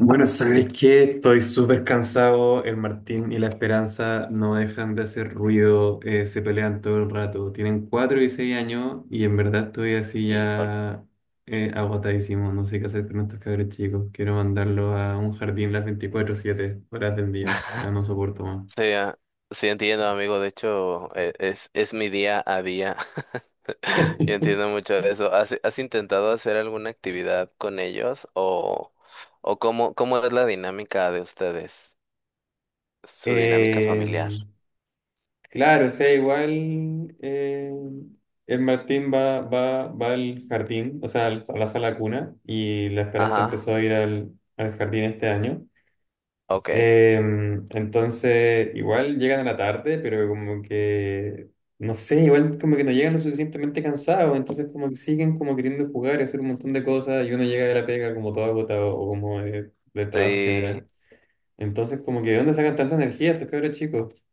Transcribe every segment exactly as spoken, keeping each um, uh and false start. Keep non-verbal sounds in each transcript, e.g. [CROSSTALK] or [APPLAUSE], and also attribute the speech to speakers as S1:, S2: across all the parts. S1: Bueno, ¿sabes qué? Estoy súper cansado. El Martín y la Esperanza no dejan de hacer ruido, eh, se pelean todo el rato. Tienen cuatro y seis años y en verdad estoy así
S2: Híjole.
S1: ya eh, agotadísimo. No sé qué hacer con estos cabros chicos. Quiero mandarlos a un jardín las veinticuatro siete horas del
S2: Mm.
S1: día. Ya
S2: [LAUGHS]
S1: no soporto más.
S2: Sí, ah, sí entiendo, amigo. De hecho, e- es, es mi día a día. [LAUGHS] Yo entiendo
S1: [LAUGHS]
S2: mucho eso. ¿Has, has intentado hacer alguna actividad con ellos, o, o cómo, cómo es la dinámica de ustedes? Su dinámica familiar.
S1: Em, Claro, o sea, igual eh, el Martín va, va, va al jardín, o sea, al- a la sala cuna, y la Esperanza empezó
S2: Ajá,
S1: a ir al, al jardín este año.
S2: ok.
S1: Eh, entonces, igual llegan a la tarde, pero como que, no sé, igual como que no llegan lo suficientemente cansados, entonces como que siguen como queriendo jugar y hacer un montón de cosas, y uno llega de la pega como todo agotado o como de del trabajo en
S2: Sí.
S1: general. Entonces, como que, ¿de dónde sacan tanta energía estos cabros chicos?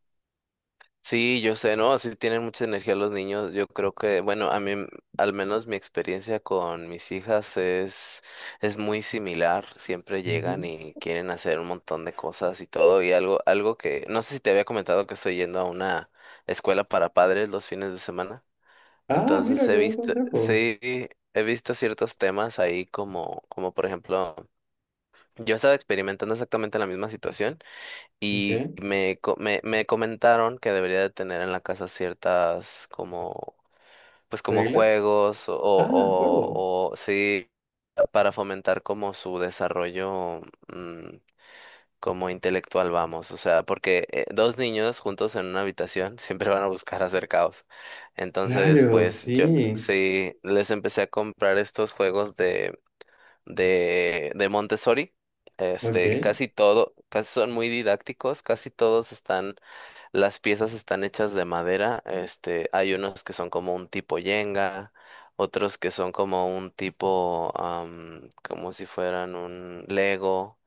S2: Sí, yo sé, ¿no? Así tienen mucha energía los niños. Yo creo que, bueno, a mí, m- al menos mi experiencia con mis hijas es, es muy similar. Siempre llegan
S1: Ujú.
S2: y quieren hacer un montón de cosas y todo. Y algo, algo que, no sé si te había comentado que estoy yendo a una escuela para padres los fines de semana.
S1: Ah,
S2: Entonces
S1: mira, qué
S2: he
S1: buen
S2: visto,
S1: consejo.
S2: sí, he visto ciertos temas ahí como, como por ejemplo, yo estaba experimentando exactamente la misma situación.
S1: Ok,
S2: Y me, co- me, me comentaron que debería de tener en la casa ciertas como, pues como
S1: reglas.
S2: juegos o,
S1: Ah,
S2: o,
S1: juegos.
S2: o sí, para fomentar como su desarrollo, mm, como intelectual, vamos. O sea, porque eh, dos niños juntos en una habitación [LAUGHS] siempre van a buscar hacer caos. Entonces,
S1: Claro,
S2: pues yo
S1: sí.
S2: sí, les empecé a comprar estos juegos de, de Montessori.
S1: Ok,
S2: Este, casi todo, casi son muy didácticos; casi todos están, las piezas están hechas de madera. Este, hay unos que son como un tipo yenga, otros que son como un tipo, am, como si fueran un Lego.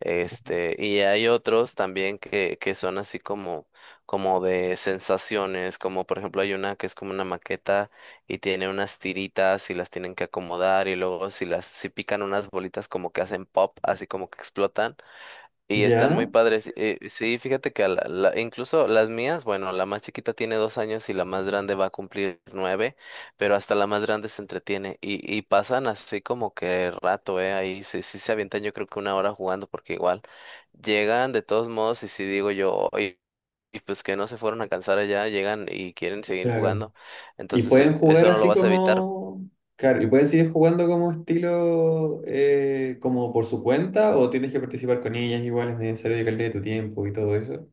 S2: Este, y hay otros también que, que son así como, como de sensaciones, como por ejemplo hay una que es como una maqueta y tiene unas tiritas y las tienen que acomodar, y luego si las, si pican unas bolitas como que hacen pop, así como que explotan, y están muy
S1: ya,
S2: padres. Eh, sí, fíjate que a la- la- incluso las mías, bueno, la más chiquita tiene dos años y la más grande va a cumplir nueve, pero hasta la más grande se entretiene y, y pasan así como que rato, ¿eh? Ahí sí, sí se avientan yo creo que una hora jugando, porque igual llegan de todos modos y si digo yo, "Oye, y pues que no se fueron a cansar allá, llegan y quieren seguir
S1: claro.
S2: jugando".
S1: Y
S2: Entonces eh,
S1: pueden jugar
S2: eso no lo
S1: así
S2: vas a evitar.
S1: como... Claro, y pueden seguir jugando como estilo, eh, como por su cuenta, o tienes que participar con ellas igual, es necesario dedicarle tu tiempo y todo eso.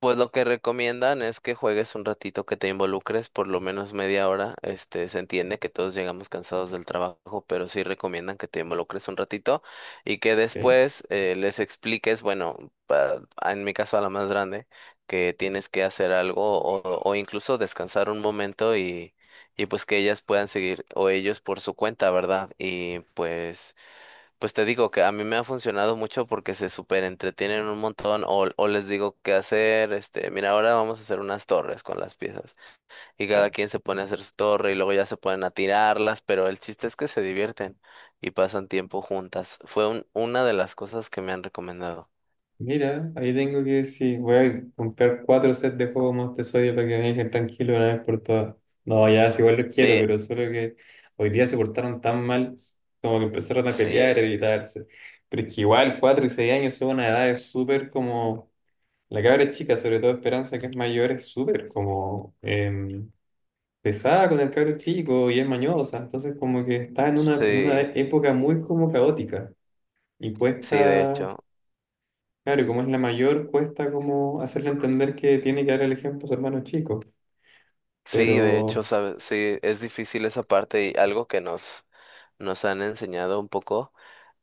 S2: Pues lo que recomiendan es que juegues un ratito, que te involucres por lo menos media hora. Este, se entiende que todos llegamos cansados del trabajo, pero sí recomiendan que te involucres un ratito y que
S1: Ok,
S2: después eh, les expliques, bueno, pa- en mi caso a la más grande, que tienes que hacer algo, o, o incluso descansar un momento, y, y pues que ellas puedan seguir o ellos por su cuenta, ¿verdad? Y pues... Pues te digo que a mí me ha funcionado mucho porque se súper entretienen un montón, o, o les digo qué hacer. Este, mira, ahora vamos a hacer unas torres con las piezas, y cada quien se pone a hacer su torre y luego ya se ponen a tirarlas, pero el chiste es que se divierten y pasan tiempo juntas. Fue un- una de las cosas que me han recomendado.
S1: mira, ahí tengo que decir, voy a comprar cuatro sets de juegos más de Sodia para que me dejen tranquilo una vez por todas. No, ya, si igual los quiero,
S2: Sí,
S1: pero solo que hoy día se portaron tan mal como que empezaron a
S2: sí,
S1: pelear, a gritarse. Pero es que igual, cuatro y seis años son una edad súper como... La cabra es chica, sobre todo Esperanza, que es mayor, es súper como em, pesada con el cabro chico y es mañosa. Entonces como que está en una, en una
S2: sí,
S1: época muy como caótica y
S2: sí, de
S1: cuesta...
S2: hecho,
S1: Claro, y como es la mayor, cuesta como hacerle entender que tiene que dar el ejemplo a su hermano chico,
S2: sí, de hecho,
S1: pero
S2: sabes, sí, es difícil esa parte, y algo que nos, nos han enseñado un poco.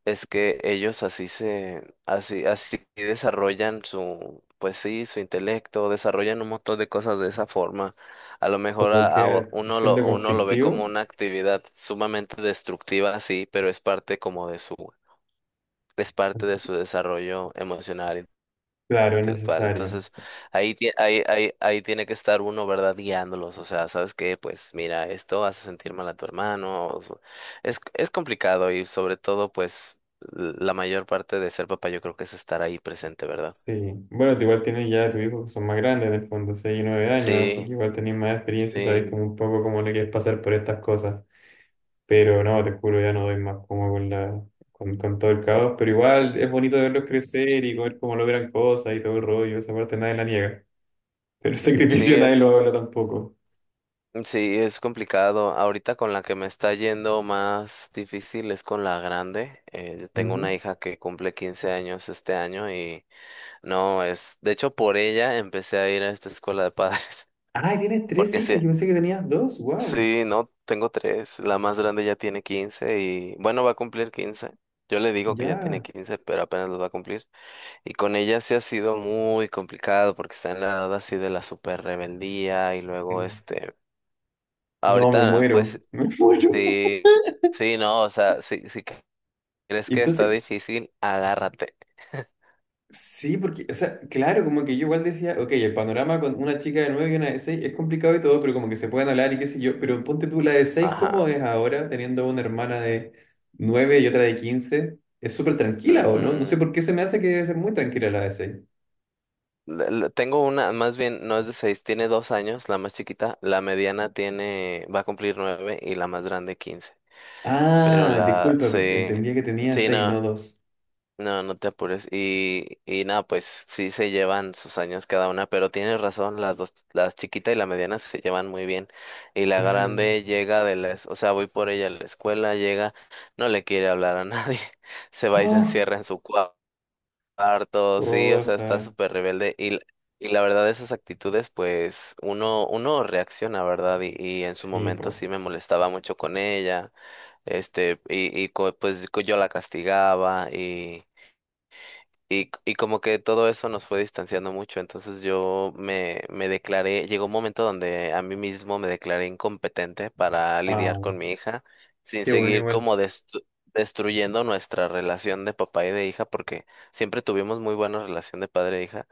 S2: Es que ellos así se, así, así desarrollan su, pues sí, su intelecto, desarrollan un montón de cosas de esa forma. A lo mejor
S1: como
S2: a, a
S1: que
S2: o- uno lo,
S1: siendo
S2: uno lo ve como
S1: conflictivo,
S2: una actividad sumamente destructiva, sí, pero es parte como de su, es parte de su desarrollo emocional
S1: claro, es
S2: intelectual.
S1: necesario.
S2: Entonces, ahí, tie- ahí, ahí, ahí tiene que estar uno, ¿verdad? Guiándolos. O sea, ¿sabes qué? Pues mira, esto hace sentir mal a tu hermano. o so- Es, es complicado, y sobre todo, pues, l- la mayor parte de ser papá yo creo que es estar ahí presente, ¿verdad?
S1: Sí, bueno, tú igual tienes ya tus hijos que son más grandes en el fondo, seis y nueve años, así
S2: Sí,
S1: que igual tenés más experiencia, sabés
S2: sí,
S1: como un poco cómo le quieres pasar por estas cosas, pero no, te juro, ya no doy más como con la, con, con todo el caos, pero igual es bonito verlos crecer y ver cómo logran cosas y todo el rollo, esa parte nadie la niega, pero el [LAUGHS]
S2: sí,
S1: sacrificio
S2: es-
S1: nadie lo habla tampoco.
S2: sí, es complicado. Ahorita con la que me está yendo más difícil es con la grande. Eh, yo tengo una
S1: Ujú.
S2: hija que cumple quince años este año. y... No, es, de hecho por ella empecé a ir a esta escuela de padres.
S1: Ah, tienes tres
S2: Porque
S1: hijas.
S2: sí.
S1: Yo pensé que tenías dos. Wow.
S2: Sí, no, tengo tres. La más grande ya tiene quince y, bueno, va a cumplir quince. Yo le digo que ya tiene
S1: Ya.
S2: quince, pero apenas los va a cumplir. Y con ella sí ha sido muy complicado porque está en la edad así de la super rebeldía, y luego este,
S1: No, me
S2: ahorita pues
S1: muero. [LAUGHS] Me muero.
S2: sí, sí, no, o sea, si, si crees
S1: Y
S2: que está
S1: entonces,
S2: difícil, agárrate. [LAUGHS]
S1: sí, porque, o sea, claro, como que yo igual decía, ok, el panorama con una chica de nueve y una de seis es complicado y todo, pero como que se pueden hablar y qué sé yo. Pero ponte tú la de seis, ¿cómo
S2: Ajá.
S1: es ahora teniendo una hermana de nueve y otra de quince? Es súper tranquila, ¿o no? No sé
S2: Ujú.
S1: por qué se me hace que debe ser muy tranquila la de seis.
S2: la- la- Tengo una, más bien, no es de seis, tiene dos años, la más chiquita. La mediana tiene, va a cumplir nueve y la más grande quince. Pero
S1: Ah,
S2: la
S1: disculpa,
S2: se,
S1: entendía que tenía
S2: sí,
S1: seis,
S2: no,
S1: no dos.
S2: no, no te apures. Y, y nada, pues sí se llevan sus años cada una, pero tienes razón, las dos, las chiquita y la mediana se llevan muy bien. Y la
S1: Claro.
S2: grande llega de la, es- o sea, voy por ella a la escuela, llega, no le quiere hablar a nadie, [LAUGHS] se va y se
S1: No,
S2: encierra en su cuarto. Harto, sí, o sea, está
S1: cosa.
S2: súper rebelde y, l- y la verdad esas actitudes pues uno, uno reacciona, ¿verdad? Y, y en su
S1: Sí,
S2: momento
S1: po.
S2: sí me molestaba mucho con ella, este, y, y co- pues co- yo la castigaba y y, y como que todo eso nos fue distanciando mucho. Entonces yo me, me declaré, llegó un momento donde a mí mismo me declaré incompetente para
S1: Ah,
S2: lidiar con mi hija, sin
S1: qué bueno
S2: seguir
S1: igual.
S2: como destru- destruyendo nuestra relación de papá y de hija, porque siempre tuvimos muy buena relación de padre e hija.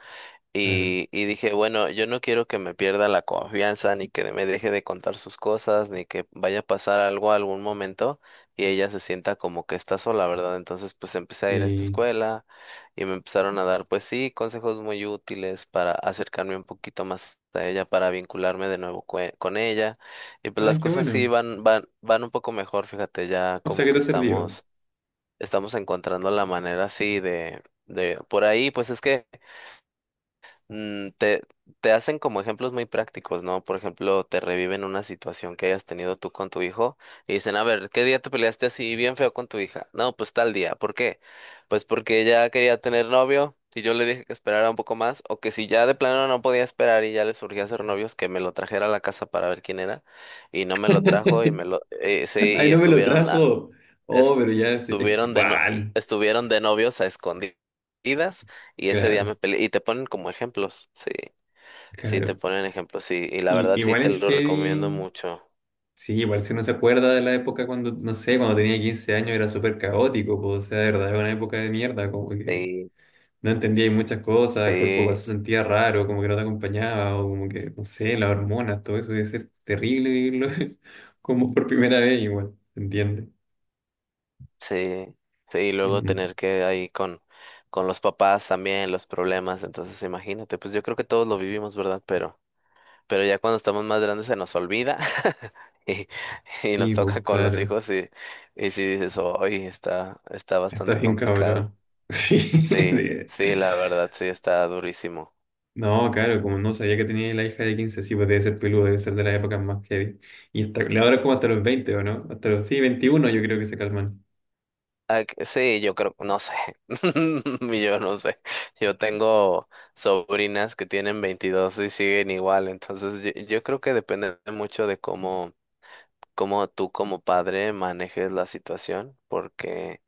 S1: Claro.
S2: Y, y dije, bueno, yo no quiero que me pierda la confianza, ni que me deje de contar sus cosas, ni que vaya a pasar algo algún momento y ella se sienta como que está sola, ¿verdad? Entonces, pues empecé a ir a esta
S1: Sí.
S2: escuela y me empezaron a dar, pues sí, consejos muy útiles para acercarme un poquito más a ella, para vincularme de nuevo cue- con ella. Y pues
S1: Ah,
S2: las
S1: qué
S2: cosas sí
S1: bueno.
S2: van, van, van un poco mejor, fíjate. Ya
S1: O sea
S2: como
S1: que
S2: que
S1: te sirvió.
S2: estamos, estamos encontrando la manera así de, de, por ahí. Pues es que mm, te, te hacen como ejemplos muy prácticos, ¿no? Por ejemplo, te reviven una situación que hayas tenido tú con tu hijo y dicen, a ver, ¿qué día te peleaste así bien feo con tu hija? No, pues tal día. ¿Por qué? Pues porque ella quería tener novio y yo le dije que esperara un poco más, o que si ya de plano no podía esperar y ya le surgía hacer novios, que me lo trajera a la casa para ver quién era, y no me lo trajo y me lo, eh, sí,
S1: [LAUGHS] Ay,
S2: y
S1: no me lo
S2: estuvieron
S1: trajo. Oh, pero ya es, es que
S2: Estuvieron de no,
S1: igual.
S2: estuvieron de novios a escondidas, y ese día
S1: Claro,
S2: me peleé. Y te ponen como ejemplos, sí, sí, te
S1: claro.
S2: ponen ejemplos, sí. Y la
S1: Y,
S2: verdad sí
S1: igual
S2: te
S1: el
S2: lo recomiendo
S1: heavy.
S2: mucho.
S1: Sí, igual si uno se acuerda de la época cuando, no sé, cuando tenía quince años era súper caótico, po. O sea, de verdad, era una época de mierda, como que
S2: Sí,
S1: no entendía ahí muchas cosas, el cuerpo igual
S2: sí,
S1: se sentía raro, como que no te acompañaba, o como que, no sé, las hormonas, todo eso debe ser terrible vivirlo [LAUGHS] como por primera vez igual, ¿se entiende?
S2: sí, sí. Y luego
S1: Mm,
S2: tener que ahí con, con los papás también, los problemas. Entonces, imagínate, pues yo creo que todos lo vivimos, ¿verdad? Pero, pero ya cuando estamos más grandes se nos olvida. [LAUGHS] Y, y nos
S1: Sí, pues
S2: toca con los
S1: claro,
S2: hijos, y, y si dices, hoy está, está
S1: está
S2: bastante
S1: bien
S2: complicado.
S1: cabrón. [LAUGHS] Sí,
S2: Sí,
S1: de-
S2: sí, la verdad, sí, está durísimo.
S1: no, claro, como no sabía que tenía la hija de quince sí, pues debe ser peludo, debe ser de las épocas más heavy. Y hasta, le ahora es como hasta los veinte ¿o no? Hasta los, sí, veintiuno yo creo que se calman.
S2: Ah, que- sí, yo creo, no sé, [LAUGHS] yo no sé. Yo tengo sobrinas que tienen veintidós y siguen igual, entonces yo, yo, creo que depende mucho de cómo, cómo tú como padre manejes la situación, porque.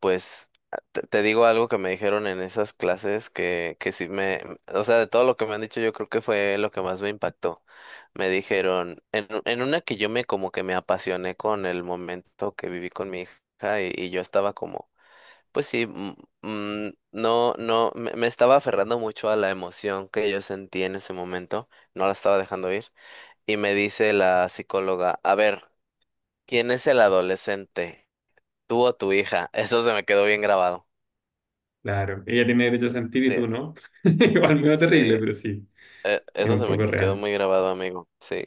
S2: Pues ah, te, te digo algo que me dijeron en esas clases que, que sí me, o sea, de todo lo que me han dicho, yo creo que fue lo que más me impactó. Me dijeron, en, u- en una que yo me como que me apasioné con el momento que viví con mi hija, y, y yo estaba como, pues sí, mm, mm, no, no, me, me estaba aferrando mucho a la emoción que yo sentí en ese momento, no la estaba dejando ir. Y me dice la psicóloga, a ver, ¿quién es el adolescente? ¿Tú o tu hija? [LAUGHS] Eso se me quedó bien grabado.
S1: Claro, ella tiene derecho a sentir y
S2: Sí,
S1: tú no. [LAUGHS] Igual medio terrible,
S2: sí,
S1: pero sí,
S2: eh,
S1: es
S2: eso
S1: un
S2: se me
S1: poco
S2: quedó
S1: real.
S2: muy grabado, amigo. Sí,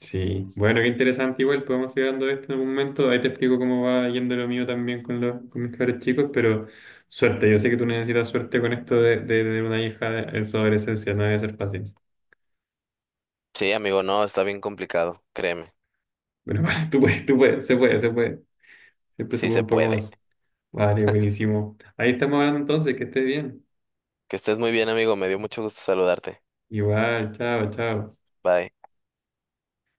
S1: Sí, bueno, qué interesante. Igual podemos ir hablando de esto en algún momento. Ahí te explico cómo va yendo lo mío también con, los, con mis cabros chicos, pero suerte. Yo sé que tú necesitas suerte con esto de, de, de una hija en su adolescencia. No debe ser fácil.
S2: sí, amigo, no, está bien complicado, créeme,
S1: Bueno, [LAUGHS] vale, tú puedes, tú puedes, se puede, se puede. Siempre se
S2: sí
S1: puede
S2: se
S1: un poco
S2: puede.
S1: más. Vale, buenísimo. Ahí estamos hablando entonces, que estés bien.
S2: Que estés muy bien, amigo, me dio mucho gusto saludarte.
S1: Igual, chao, chao.
S2: Bye.